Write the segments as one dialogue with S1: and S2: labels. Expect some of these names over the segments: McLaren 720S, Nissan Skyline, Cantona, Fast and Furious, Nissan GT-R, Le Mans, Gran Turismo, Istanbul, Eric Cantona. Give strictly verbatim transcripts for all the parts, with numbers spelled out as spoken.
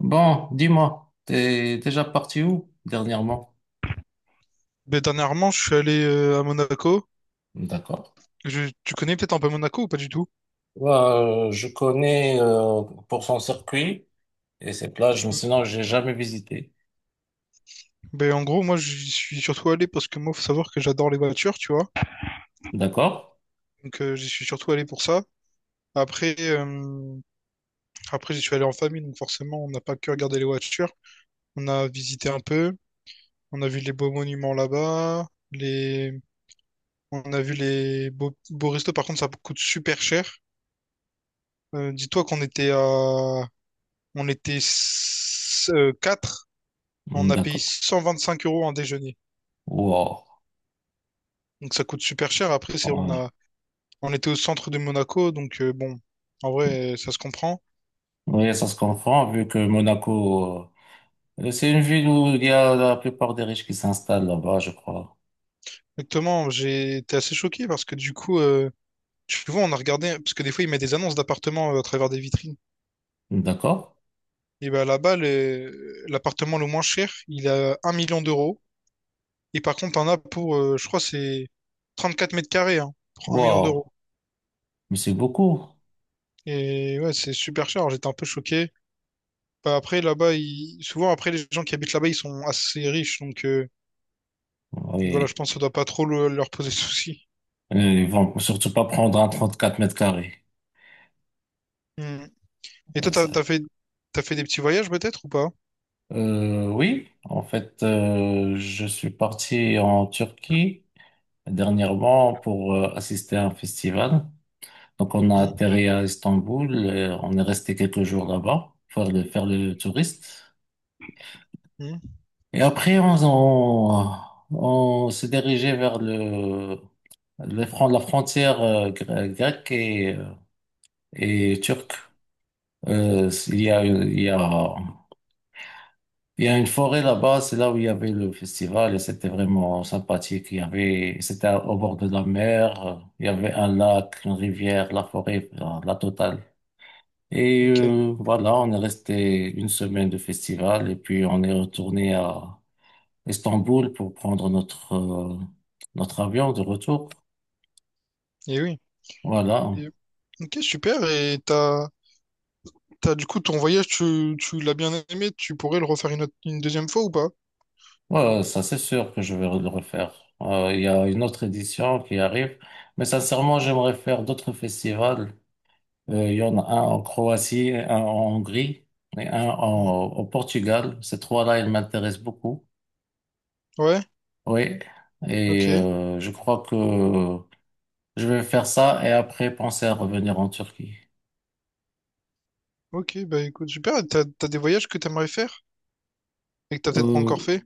S1: Bon, dis-moi, t'es déjà parti où dernièrement?
S2: Ben, dernièrement, je suis allé euh, à Monaco.
S1: D'accord.
S2: Je- tu connais peut-être un peu Monaco ou pas du tout?
S1: Ouais, euh, je connais euh, pour son circuit et ses plages, mais
S2: Hmm.
S1: sinon j'ai jamais visité.
S2: Ben, en gros, moi, j'y suis surtout allé parce que moi, faut savoir que j'adore les voitures, tu vois.
S1: D'accord.
S2: Donc, euh, j'y suis surtout allé pour ça. Après, euh, Après, j'y suis allé en famille, donc forcément, on n'a pas que regardé les voitures. On a visité un peu. On a vu les beaux monuments là-bas. Les... On a vu les beaux, beaux restos. Par contre, ça coûte super cher. Euh, dis-toi qu'on était à... On était s- euh, quatre. On
S1: Hmm,
S2: a payé
S1: d'accord.
S2: cent vingt-cinq euros en déjeuner.
S1: Wow.
S2: Donc ça coûte super cher. Après, c'est on
S1: Ouais.
S2: a on était au centre de Monaco, donc euh, bon, en vrai, euh, ça se comprend.
S1: Ouais, ça se comprend vu que Monaco, euh, c'est une ville où il y a la plupart des riches qui s'installent là-bas, je crois.
S2: Exactement, j'ai été assez choqué parce que du coup, euh, tu vois, on a regardé, parce que des fois, ils mettent des annonces d'appartements euh, à travers des vitrines.
S1: D'accord.
S2: Et ben là-bas, le- l'appartement le moins cher, il a un million d'euros. Et par contre, t'en as pour, euh, je crois, c'est trente-quatre mètres carrés, hein, pour un million d'euros.
S1: Wow. Mais c'est beaucoup.
S2: Et ouais, c'est super cher. Alors, j'étais un peu choqué. Bah, après, là-bas, ils- souvent, après, les gens qui habitent là-bas, ils sont assez riches. donc... euh, Donc voilà, je
S1: Oui.
S2: pense que ça doit pas trop le- leur poser de soucis.
S1: Euh, ils vont surtout pas prendre un trente-quatre mètres carrés.
S2: Hmm. Et toi,
S1: Euh,
S2: t'as,
S1: Ça.
S2: t'as fait, t'as fait des petits voyages peut-être ou pas?
S1: Euh, oui, en fait, euh, je suis parti en Turquie dernièrement pour euh, assister à un festival. Donc, on a
S2: Hmm,
S1: atterri à Istanbul, et on est resté quelques jours là-bas pour faire le, faire le touriste.
S2: hmm.
S1: Et après, on, on, on s'est dirigé vers le, le fron- la frontière euh, gre- grecque et, euh, et turque. Euh, il y a, il y a Il y a une forêt là-bas, c'est là où il y avait le festival et c'était vraiment sympathique. Il y avait, c'était à- au bord de la mer, euh, il y avait un lac, une rivière, la forêt, euh, la totale. Et
S2: Ok.
S1: euh, voilà, on est resté une semaine de festival et puis on est retourné à Istanbul pour prendre notre euh, notre avion de retour.
S2: Et oui.
S1: Voilà,
S2: Et- Ok, super. Et t'as, t'as du coup ton voyage, tu, tu l'as bien aimé. Tu pourrais le refaire une, autre- une deuxième fois ou pas?
S1: ouais, ça c'est sûr que je vais le refaire. Euh, Il y a une autre édition qui arrive, mais sincèrement, j'aimerais faire d'autres festivals. Euh, il y en a un en Croatie, un en Hongrie et un
S2: Non.
S1: en- au Portugal. Ces trois-là, ils m'intéressent beaucoup.
S2: Ouais.
S1: Oui. Et
S2: Ok.
S1: euh, je crois que je vais faire ça et après penser à revenir en Turquie.
S2: Ok. Bah écoute, super. Et t'as, t'as des voyages que t'aimerais faire et que t'as peut-être pas encore
S1: Euh,
S2: fait.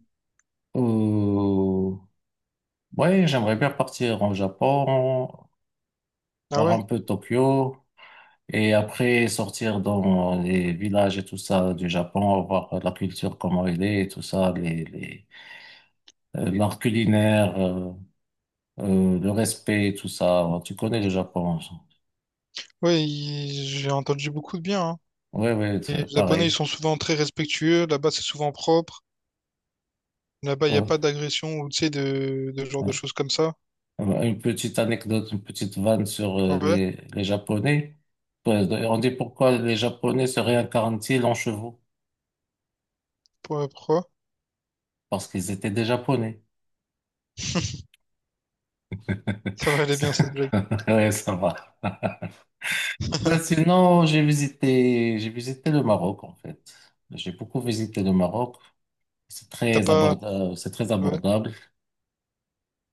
S1: euh, ouais, j'aimerais bien partir en Japon,
S2: Ah
S1: voir
S2: ouais.
S1: un peu Tokyo et après sortir dans les villages et tout ça du Japon, voir la culture, comment elle est et tout ça, les, les, euh, l'art culinaire. euh, euh, le respect, tout ça. Ouais, tu connais le Japon.
S2: Ouais. il- J'ai entendu beaucoup de bien, hein.
S1: Oui, oui,
S2: Les Japonais, ils
S1: pareil.
S2: sont souvent très respectueux. Là-bas, c'est souvent propre. Là-bas, il n'y a
S1: Ouais,
S2: pas d'agression ou tu sais de, de genre de
S1: ouais.
S2: choses comme ça.
S1: Euh, une petite anecdote, une petite vanne sur euh,
S2: Ouais,
S1: les, les Japonais. Ouais, on dit pourquoi les Japonais se réincarnent-ils en chevaux?
S2: pour- pourquoi?
S1: Parce qu'ils étaient des Japonais.
S2: Ça va aller bien cette blague.
S1: Ouais, ça va. Ben sinon, j'ai visité, j'ai visité le Maroc en fait. J'ai beaucoup visité le Maroc. C'est
S2: T'as
S1: très
S2: pas.
S1: abordable, c'est très
S2: Ouais.
S1: abordable.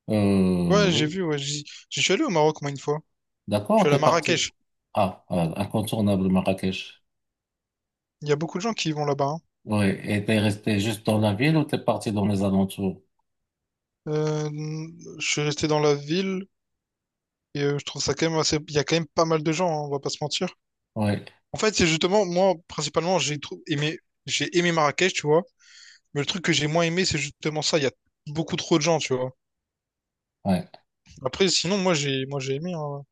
S1: Euh,
S2: Ouais, j'ai
S1: oui,
S2: vu, ouais. J'y j'y suis allé au Maroc, moi, une fois. Je suis
S1: d'accord,
S2: allé à
S1: t'es parti.
S2: Marrakech.
S1: Ah, euh, incontournable Marrakech.
S2: Il y a beaucoup de gens qui y vont là-bas, hein.
S1: Oui, et t'es resté juste dans la ville ou t'es parti dans les alentours?
S2: Euh, je suis resté dans la ville et euh, je trouve ça quand même assez. Il y a quand même pas mal de gens, hein, on va pas se mentir.
S1: Oui,
S2: En fait, c'est justement, moi, principalement, j'ai trou- aimé... j'ai aimé Marrakech, tu vois. Mais le truc que j'ai moins aimé, c'est justement ça. Il y a beaucoup trop de gens, tu vois.
S1: oui.
S2: Après, sinon, moi, j'ai moi, j'ai aimé, hein.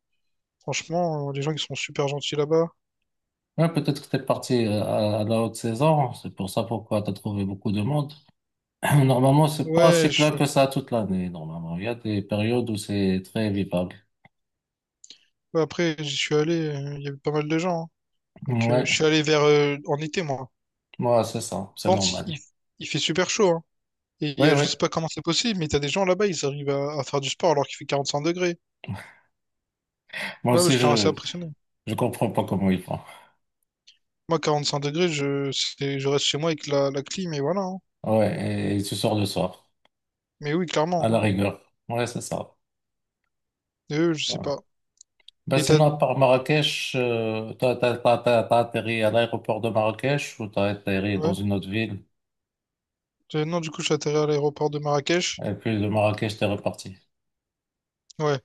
S2: Franchement, euh, les gens qui sont super gentils là-bas.
S1: Ouais, peut-être que t'es parti euh, à, à la haute saison, c'est pour ça pourquoi t'as trouvé beaucoup de monde. Normalement, c'est pas si
S2: Ouais.
S1: plein que ça toute l'année, normalement. Il y a des périodes où c'est très vivable.
S2: Bah, après, j'y suis allé, euh, il y avait pas mal de gens, hein. Donc, euh, je
S1: Ouais,
S2: suis allé vers euh, en été, moi.
S1: ouais, c'est ça, c'est
S2: Lente,
S1: normal.
S2: il, il fait super chaud. Hein. Et il y
S1: Oui,
S2: a- je
S1: oui.
S2: sais pas comment c'est possible, mais t'as des gens là-bas, ils arrivent à, à faire du sport alors qu'il fait quarante-cinq degrés.
S1: Moi
S2: Ouais, ouais,
S1: aussi,
S2: j'étais assez
S1: je,
S2: impressionné.
S1: je comprends pas comment ils font.
S2: Moi, quarante-cinq degrés, je, c'est- je reste chez moi avec la, la clim, et voilà, hein.
S1: Ouais, et tu sors le soir,
S2: Mais oui,
S1: à
S2: clairement.
S1: la rigueur. Ouais, c'est ça.
S2: Et eux, je sais
S1: Ouais.
S2: pas.
S1: Bah
S2: Et t'as.
S1: sinon, à part Marrakech, euh, t'as, t'as- t'as- t'as- t'as atterri à l'aéroport de Marrakech ou t'as atterri dans
S2: Ouais.
S1: une autre ville
S2: Euh, Non, du coup, je suis atterri à l'aéroport de Marrakech.
S1: et puis de Marrakech, t'es reparti.
S2: Ouais.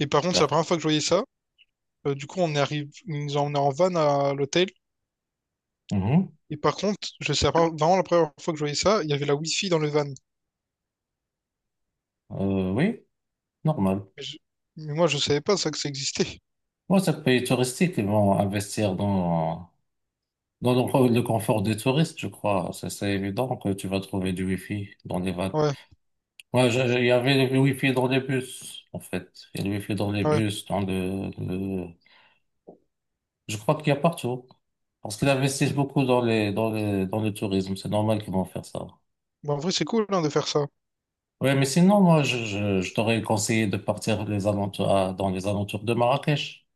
S2: Et par contre, c'est la
S1: Super.
S2: première fois que je voyais ça. Euh, du coup, on est arrivé, ils nous ont emmenés en van à l'hôtel.
S1: Mhm.
S2: Et par contre, je sais pas, vraiment la première fois que je voyais ça, il y avait la Wi-Fi dans le van.
S1: Euh, oui, normal.
S2: Mais, je- mais moi, je savais pas ça que ça existait.
S1: Moi, c'est un pays touristique, ils vont investir dans, dans le, le confort des touristes, je crois. C'est c'est évident que tu vas trouver du wifi dans les vannes.
S2: Ouais,
S1: Moi, je- il y avait le wifi dans les bus, en fait. Il y a le wifi dans les
S2: ouais.
S1: bus, dans le, je crois qu'il y a partout. Parce qu'ils investissent beaucoup dans les, dans les, dans le tourisme. C'est normal qu'ils vont faire ça.
S2: Bon, en vrai, c'est cool hein, de faire ça.
S1: Ouais, mais sinon, moi, je, je, je t'aurais conseillé de partir les alentours, à- dans les alentours de Marrakech.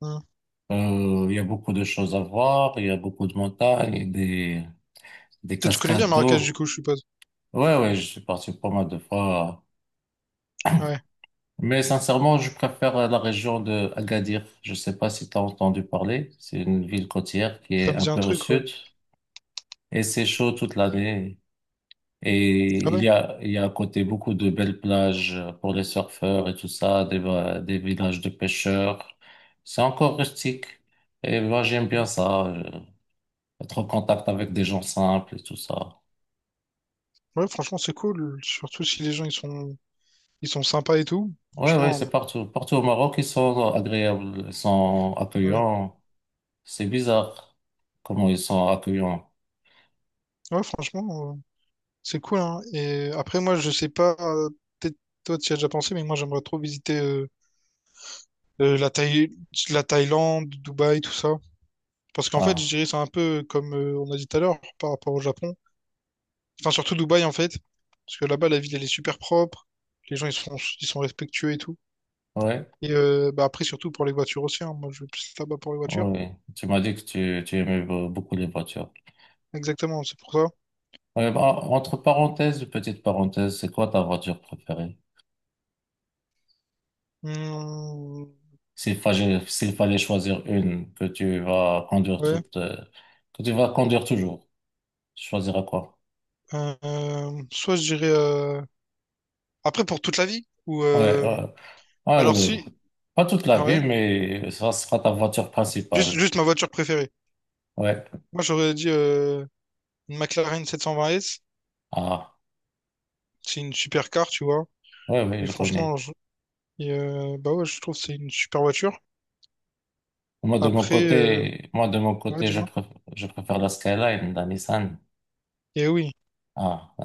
S2: Hein.
S1: Euh, il y a beaucoup de choses à voir. Il y a beaucoup de montagnes, des, des
S2: Tu tu connais bien
S1: cascades
S2: Marrakech, du
S1: d'eau.
S2: coup, je suppose.
S1: Ouais, ouais, je suis parti pas mal de fois.
S2: Ouais,
S1: Mais sincèrement, je préfère la région de Agadir. Je sais pas si tu as entendu parler. C'est une ville côtière qui
S2: ça
S1: est
S2: me
S1: un
S2: dit un
S1: peu au
S2: truc, ouais.
S1: sud. Et c'est chaud toute l'année. Et
S2: Ah
S1: il
S2: ouais?
S1: y a, il y a à côté beaucoup de belles plages pour les surfeurs et tout ça, des, va- des villages de pêcheurs. C'est encore rustique. Et moi, j'aime bien
S2: Mhm.
S1: ça, euh, être en contact avec des gens simples et tout ça.
S2: Ouais, franchement, c'est cool. Surtout si les gens, ils sont, ils sont sympas et tout.
S1: Ouais, ouais, c'est
S2: Franchement,
S1: partout. Partout au Maroc, ils sont agréables, ils sont
S2: ouais.
S1: accueillants. C'est bizarre comment ils sont accueillants.
S2: Ouais, franchement, euh, c'est cool, hein. Et après, moi, je sais pas, euh, peut-être toi, tu y as déjà pensé, mais moi, j'aimerais trop visiter euh, euh, la Thaï- la Thaïlande, Dubaï, tout ça. Parce qu'en fait, je
S1: Ah,
S2: dirais c'est un peu comme euh, on a dit tout à l'heure par rapport au Japon. Enfin, surtout Dubaï en fait. Parce que là-bas, la ville, elle est super propre. Les gens, ils sont, ils sont respectueux et tout.
S1: ouais.
S2: Et euh, bah, après, surtout pour les voitures aussi, hein. Moi, je vais plus là-bas pour les voitures.
S1: Oui, tu m'as dit que tu, tu aimais be- beaucoup les voitures.
S2: Exactement, c'est pour ça.
S1: Ouais, bah, entre parenthèses, petite parenthèse, c'est quoi ta voiture préférée?
S2: Hmm,
S1: S'il fallait, s'il fallait choisir une que tu vas conduire
S2: ouais.
S1: toute, euh, que tu vas conduire toujours, tu choisiras quoi?
S2: Euh, euh, soit je dirais... euh, après, pour toute la vie. Ou...
S1: Ouais,
S2: euh,
S1: euh, ouais,
S2: alors
S1: euh,
S2: si...
S1: pas toute la
S2: Ah,
S1: vie,
S2: ouais.
S1: mais ça sera ta voiture
S2: Juste,
S1: principale.
S2: juste ma voiture préférée.
S1: Ouais.
S2: Moi, j'aurais dit euh, une McLaren sept cent vingt S.
S1: Ah,
S2: C'est une super car, tu vois.
S1: ouais, oui,
S2: Et
S1: je
S2: franchement,
S1: connais.
S2: je- et euh, bah ouais, je trouve que c'est une super voiture.
S1: Moi, de mon
S2: Après, euh,
S1: côté, moi, de mon
S2: ouais,
S1: côté, je
S2: dis-moi.
S1: préfère, je préfère la Skyline, la Nissan.
S2: Et oui,
S1: Ah, euh,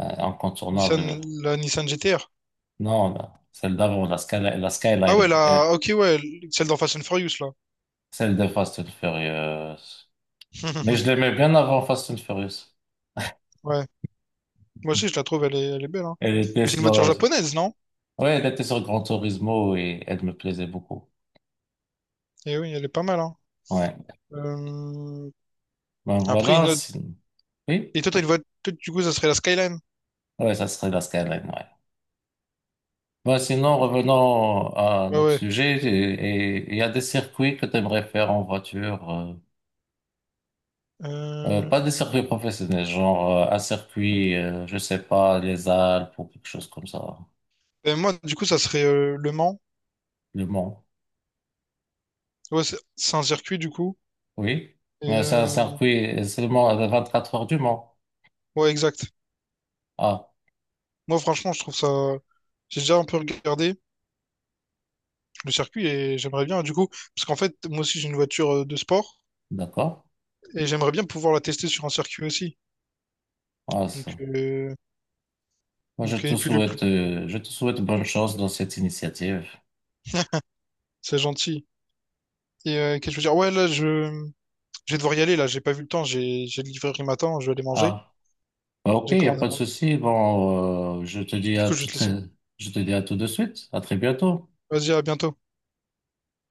S2: Nissan,
S1: incontournable.
S2: la Nissan G T-R.
S1: Non, non. Celle d'avant, la Sky, la
S2: Ah ouais,
S1: Skyline, eh,
S2: la, ok, ouais, celle dans Fast and Furious, là.
S1: celle de Fast and Furious. Mais je l'aimais bien avant Fast and Furious.
S2: Ouais, moi aussi, je la trouve, elle est, elle est belle, hein.
S1: Elle était
S2: Mais c'est une
S1: sur,
S2: voiture japonaise, non?
S1: ouais, elle était sur Gran Turismo et elle me plaisait beaucoup.
S2: Et oui, elle est pas mal, hein.
S1: Ouais.
S2: Euh,
S1: Ben
S2: Après,
S1: voilà,
S2: une autre...
S1: sin- oui.
S2: Et toi, t'as une voiture, du coup, ça serait la Skyline.
S1: Ouais, ça serait la Skyline, ouais. Ben sinon,
S2: Ouais, franchement.
S1: revenons à
S2: Ouais,
S1: notre
S2: ouais.
S1: sujet. Et et il y a des circuits que tu aimerais faire en voiture. euh, euh,
S2: Euh,
S1: pas des circuits professionnels, genre euh, un circuit, euh, je sais pas, les Alpes ou quelque chose comme ça.
S2: ben, moi, du coup, ça serait euh, Le Mans.
S1: Le Mans.
S2: Ouais, c'est c'est un circuit, du coup.
S1: Oui,
S2: Et
S1: mais c'est un
S2: euh,
S1: circuit seulement à vingt-quatre heures du Mans.
S2: ouais, exact.
S1: Ah,
S2: Moi, franchement, je trouve ça... J'ai déjà un peu regardé le circuit et j'aimerais bien, du coup, parce qu'en fait, moi aussi j'ai une voiture euh, de sport
S1: d'accord.
S2: et j'aimerais bien pouvoir la tester sur un circuit aussi.
S1: Ah,
S2: Donc,
S1: ça.
S2: euh,
S1: Moi, je
S2: donc
S1: te
S2: et puis le plus,
S1: souhaite, euh, je te souhaite bonne chance dans cette initiative.
S2: c'est gentil. Et euh, qu'est-ce que je veux dire? Ouais, là, je, je vais devoir y aller, là, j'ai pas vu le temps, j'ai j'ai le livreur qui m'attend, je vais aller manger,
S1: Ah, bah, ok,
S2: j'ai
S1: il n'y a
S2: commandé à
S1: pas de
S2: manger.
S1: souci. Bon, euh, je te dis
S2: Du
S1: à
S2: coup, je vais
S1: tout
S2: te
S1: très,
S2: laisser.
S1: je te dis à tout de suite. À très bientôt.
S2: Vas-y, à bientôt.